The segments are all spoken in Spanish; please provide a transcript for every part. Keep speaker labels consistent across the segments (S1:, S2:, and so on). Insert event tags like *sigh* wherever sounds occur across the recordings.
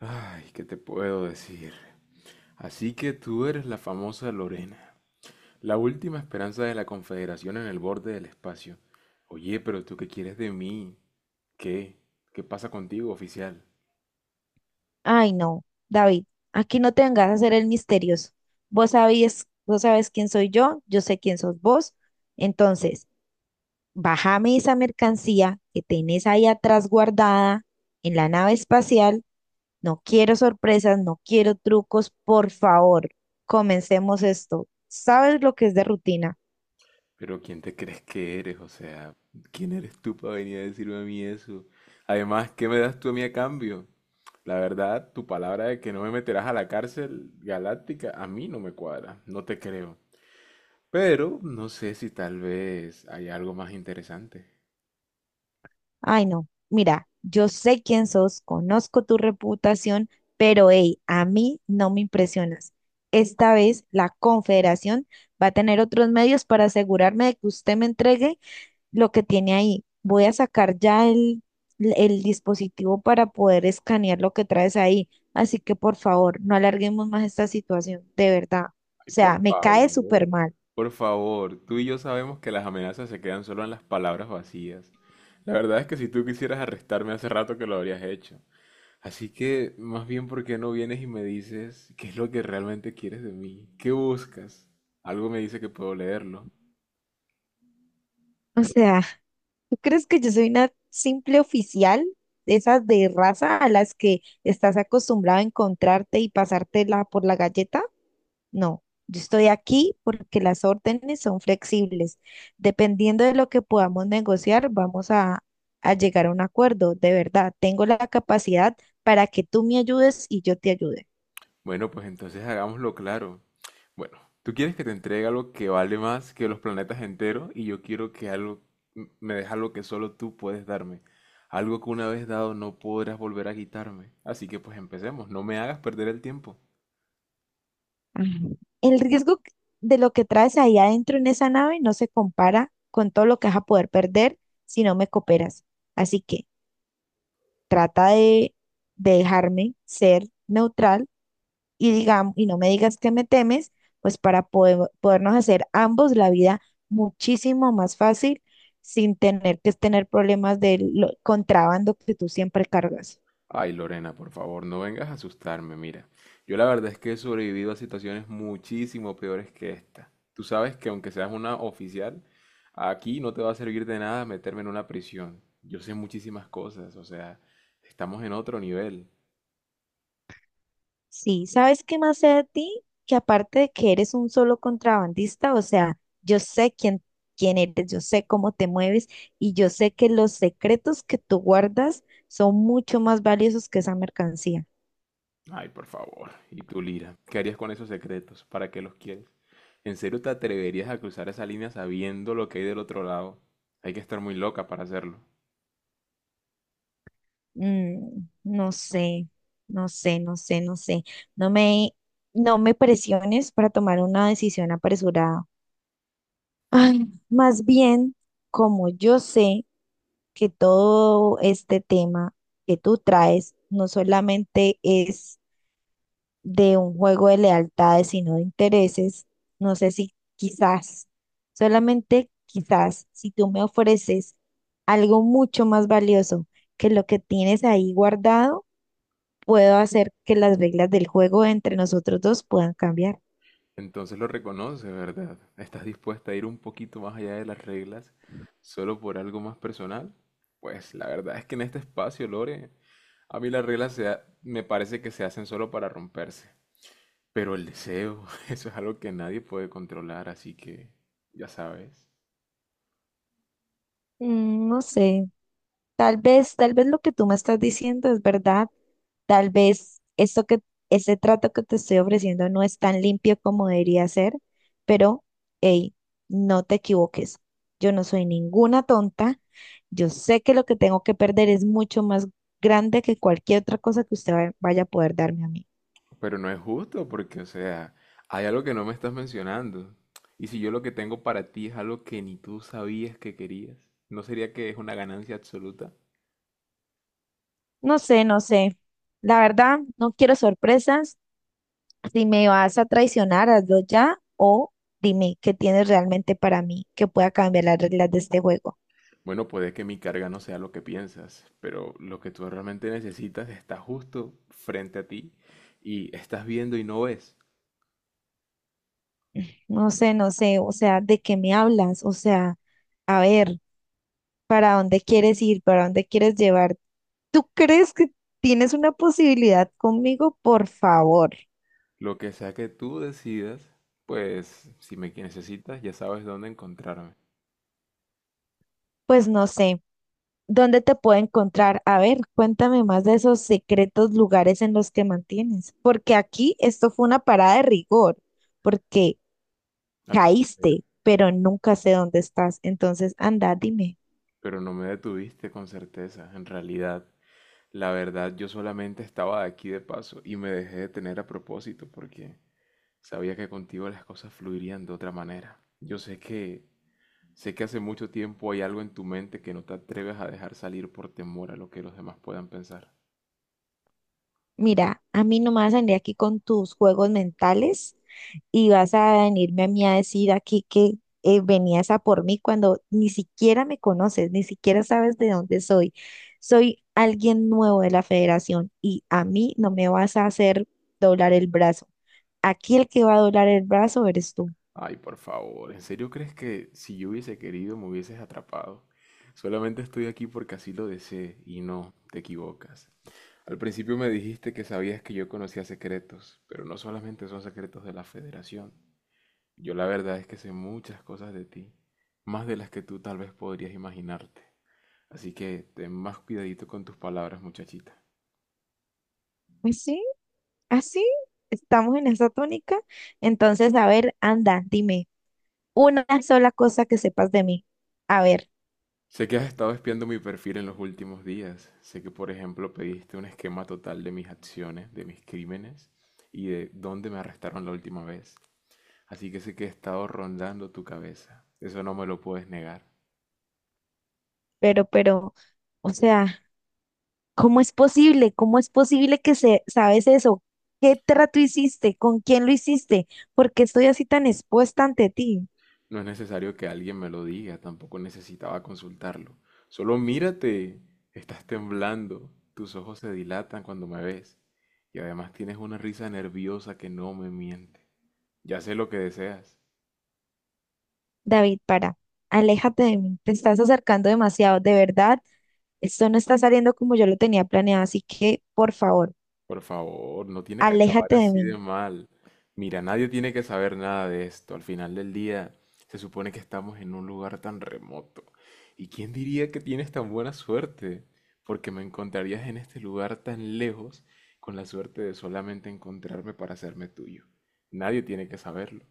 S1: Ay, ¿qué te puedo decir? Así que tú eres la famosa Lorena, la última esperanza de la Confederación en el borde del espacio. Oye, pero ¿tú qué quieres de mí? ¿Qué? ¿Qué pasa contigo, oficial?
S2: Ay, no, David, aquí no te vengas a hacer el misterioso. Vos sabías, vos sabes quién soy yo, yo sé quién sos vos. Entonces, bájame esa mercancía que tenés ahí atrás guardada en la nave espacial. No quiero sorpresas, no quiero trucos, por favor, comencemos esto. ¿Sabes lo que es de rutina?
S1: Pero ¿quién te crees que eres? O sea, ¿quién eres tú para venir a decirme a mí eso? Además, ¿qué me das tú a mí a cambio? La verdad, tu palabra de que no me meterás a la cárcel galáctica a mí no me cuadra, no te creo. Pero no sé si tal vez hay algo más interesante.
S2: Ay, no. Mira, yo sé quién sos, conozco tu reputación, pero hey, a mí no me impresionas. Esta vez la Confederación va a tener otros medios para asegurarme de que usted me entregue lo que tiene ahí. Voy a sacar ya el dispositivo para poder escanear lo que traes ahí. Así que por favor, no alarguemos más esta situación, de verdad. O
S1: Ay,
S2: sea,
S1: por
S2: me cae súper
S1: favor.
S2: mal.
S1: Por favor, tú y yo sabemos que las amenazas se quedan solo en las palabras vacías. La verdad es que si tú quisieras arrestarme hace rato que lo habrías hecho. Así que, más bien, ¿por qué no vienes y me dices qué es lo que realmente quieres de mí? ¿Qué buscas? Algo me dice que puedo leerlo.
S2: O sea, ¿tú crees que yo soy una simple oficial, de esas de raza a las que estás acostumbrado a encontrarte y pasártela por la galleta? No, yo estoy aquí porque las órdenes son flexibles. Dependiendo de lo que podamos negociar, vamos a llegar a un acuerdo. De verdad, tengo la capacidad para que tú me ayudes y yo te ayude.
S1: Bueno, pues entonces hagámoslo claro. Bueno, tú quieres que te entregue algo que vale más que los planetas enteros y yo quiero que algo me deja algo que solo tú puedes darme. Algo que una vez dado no podrás volver a quitarme. Así que pues empecemos, no me hagas perder el tiempo.
S2: Ujú. De lo que traes ahí adentro en esa nave no se compara con todo lo que vas a poder perder si no me cooperas. Así que trata de dejarme ser neutral y digamos, y no me digas que me temes, pues podernos hacer ambos la vida muchísimo más fácil sin tener que tener problemas del contrabando que tú siempre cargas.
S1: Ay, Lorena, por favor, no vengas a asustarme, mira. Yo la verdad es que he sobrevivido a situaciones muchísimo peores que esta. Tú sabes que aunque seas una oficial, aquí no te va a servir de nada meterme en una prisión. Yo sé muchísimas cosas, o sea, estamos en otro nivel.
S2: Sí, ¿sabes qué más sé de ti? Que aparte de que eres un solo contrabandista, o sea, yo sé quién eres, yo sé cómo te mueves y yo sé que los secretos que tú guardas son mucho más valiosos que esa mercancía.
S1: Ay, por favor. ¿Y tú, Lira? ¿Qué harías con esos secretos? ¿Para qué los quieres? ¿En serio te atreverías a cruzar esa línea sabiendo lo que hay del otro lado? Hay que estar muy loca para hacerlo.
S2: No sé, no sé, no sé, no sé. No me, no me presiones para tomar una decisión apresurada. Ay, más bien, como yo sé que todo este tema que tú traes no solamente es de un juego de lealtades, sino de intereses, no sé si quizás, solamente quizás, si tú me ofreces algo mucho más valioso que lo que tienes ahí guardado, puedo hacer que las reglas del juego entre nosotros dos puedan cambiar.
S1: Entonces lo reconoce, ¿verdad? ¿Estás dispuesta a ir un poquito más allá de las reglas solo por algo más personal? Pues la verdad es que en este espacio, Lore, a mí las reglas me parece que se hacen solo para romperse. Pero el deseo, *laughs* eso es algo que nadie puede controlar, así que ya sabes.
S2: No sé, tal vez lo que tú me estás diciendo es verdad, tal vez esto que, ese trato que te estoy ofreciendo no es tan limpio como debería ser, pero, hey, no te equivoques, yo no soy ninguna tonta, yo sé que lo que tengo que perder es mucho más grande que cualquier otra cosa que vaya a poder darme a mí.
S1: Pero no es justo porque, o sea, hay algo que no me estás mencionando. Y si yo lo que tengo para ti es algo que ni tú sabías que querías, ¿no sería que es una ganancia absoluta?
S2: No sé, no sé, la verdad, no quiero sorpresas. Si me vas a traicionar, hazlo ya o dime qué tienes realmente para mí que pueda cambiar las reglas de este juego.
S1: Bueno, puede que mi carga no sea lo que piensas, pero lo que tú realmente necesitas está justo frente a ti y estás viendo y no ves.
S2: No sé, no sé, o sea, ¿de qué me hablas? O sea, a ver, ¿para dónde quieres ir? ¿Para dónde quieres llevar? ¿Tú crees que tienes una posibilidad conmigo? Por favor.
S1: Lo que sea que tú decidas, pues si me necesitas ya sabes dónde encontrarme,
S2: Pues no sé, ¿dónde te puedo encontrar? A ver, cuéntame más de esos secretos lugares en los que mantienes, porque aquí esto fue una parada de rigor, porque
S1: al parecer.
S2: caíste, pero nunca sé dónde estás. Entonces, anda, dime.
S1: Pero no me detuviste con certeza, en realidad. La verdad, yo solamente estaba aquí de paso y me dejé detener a propósito porque sabía que contigo las cosas fluirían de otra manera. Yo sé que Sé que hace mucho tiempo hay algo en tu mente que no te atreves a dejar salir por temor a lo que los demás puedan pensar.
S2: Mira, a mí no me vas a venir aquí con tus juegos mentales y vas a venirme a mí a decir aquí que venías a por mí cuando ni siquiera me conoces, ni siquiera sabes de dónde soy. Soy alguien nuevo de la federación y a mí no me vas a hacer doblar el brazo. Aquí el que va a doblar el brazo eres tú.
S1: Ay, por favor, ¿en serio crees que si yo hubiese querido me hubieses atrapado? Solamente estoy aquí porque así lo deseé y no, te equivocas. Al principio me dijiste que sabías que yo conocía secretos, pero no solamente son secretos de la Federación. Yo la verdad es que sé muchas cosas de ti, más de las que tú tal vez podrías imaginarte. Así que ten más cuidadito con tus palabras, muchachita.
S2: Pues sí, así estamos en esa tónica. Entonces, a ver, anda, dime. Una sola cosa que sepas de mí. A ver,
S1: Sé que has estado espiando mi perfil en los últimos días. Sé que, por ejemplo, pediste un esquema total de mis acciones, de mis crímenes y de dónde me arrestaron la última vez. Así que sé que he estado rondando tu cabeza. Eso no me lo puedes negar.
S2: pero, o sea, ¿cómo es posible? ¿Cómo es posible que sabes eso? ¿Qué trato hiciste? ¿Con quién lo hiciste? ¿Por qué estoy así tan expuesta ante ti?
S1: No es necesario que alguien me lo diga, tampoco necesitaba consultarlo. Solo mírate. Estás temblando. Tus ojos se dilatan cuando me ves. Y además tienes una risa nerviosa que no me miente. Ya sé lo que deseas.
S2: David, para, aléjate de mí. Te estás acercando demasiado, de verdad. Esto no está saliendo como yo lo tenía planeado, así que, por favor,
S1: Por favor, no tiene que acabar
S2: aléjate de
S1: así de
S2: mí.
S1: mal. Mira, nadie tiene que saber nada de esto. Al final del día, se supone que estamos en un lugar tan remoto. ¿Y quién diría que tienes tan buena suerte? Porque me encontrarías en este lugar tan lejos con la suerte de solamente encontrarme para hacerme tuyo. Nadie tiene que saberlo.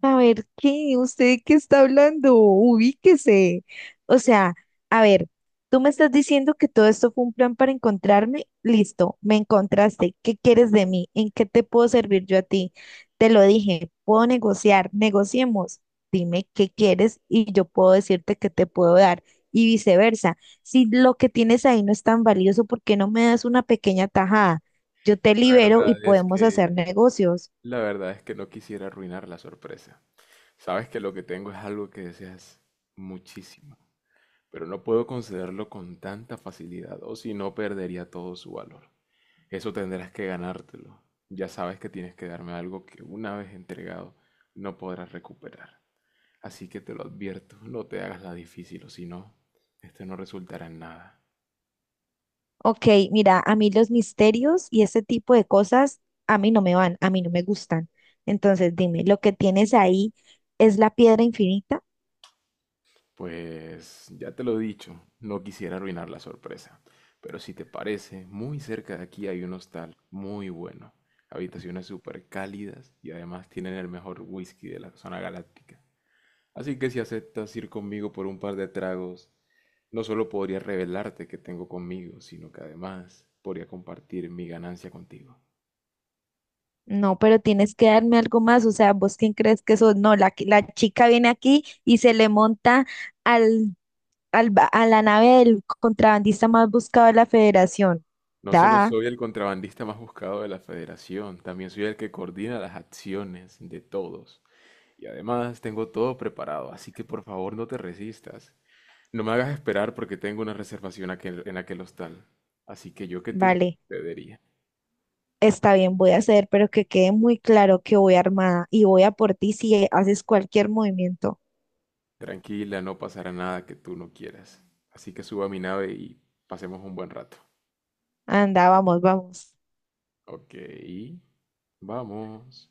S2: A ver, ¿qué? ¿Usted qué está hablando? Ubíquese. O sea, a ver, tú me estás diciendo que todo esto fue un plan para encontrarme. Listo, me encontraste. ¿Qué quieres de mí? ¿En qué te puedo servir yo a ti? Te lo dije, puedo negociar, negociemos. Dime qué quieres y yo puedo decirte qué te puedo dar y viceversa. Si lo que tienes ahí no es tan valioso, ¿por qué no me das una pequeña tajada? Yo te
S1: La
S2: libero y
S1: verdad es
S2: podemos hacer
S1: que,
S2: negocios.
S1: la verdad es que no quisiera arruinar la sorpresa. Sabes que lo que tengo es algo que deseas muchísimo, pero no puedo concederlo con tanta facilidad, o si no perdería todo su valor. Eso tendrás que ganártelo. Ya sabes que tienes que darme algo que una vez entregado no podrás recuperar. Así que te lo advierto, no te hagas la difícil, o si no, esto no resultará en nada.
S2: Ok, mira, a mí los misterios y ese tipo de cosas a mí no me van, a mí no me gustan. Entonces, dime, ¿lo que tienes ahí es la piedra infinita?
S1: Pues ya te lo he dicho, no quisiera arruinar la sorpresa. Pero si te parece, muy cerca de aquí hay un hostal muy bueno. Habitaciones súper cálidas y además tienen el mejor whisky de la zona galáctica. Así que si aceptas ir conmigo por un par de tragos, no solo podría revelarte que tengo conmigo, sino que además podría compartir mi ganancia contigo.
S2: No, pero tienes que darme algo más. O sea, ¿vos quién crees que sos? No, la chica viene aquí y se le monta al, a la nave del contrabandista más buscado de la federación.
S1: No solo
S2: Da,
S1: soy el contrabandista más buscado de la federación, también soy el que coordina las acciones de todos. Y además tengo todo preparado, así que por favor no te resistas. No me hagas esperar porque tengo una reservación en aquel hostal. Así que yo que tú,
S2: vale.
S1: te diría.
S2: Está bien, voy a hacer, pero que quede muy claro que voy armada y voy a por ti si haces cualquier movimiento.
S1: Tranquila, no pasará nada que tú no quieras. Así que suba a mi nave y pasemos un buen rato.
S2: Anda, vamos, vamos.
S1: Ok, vamos.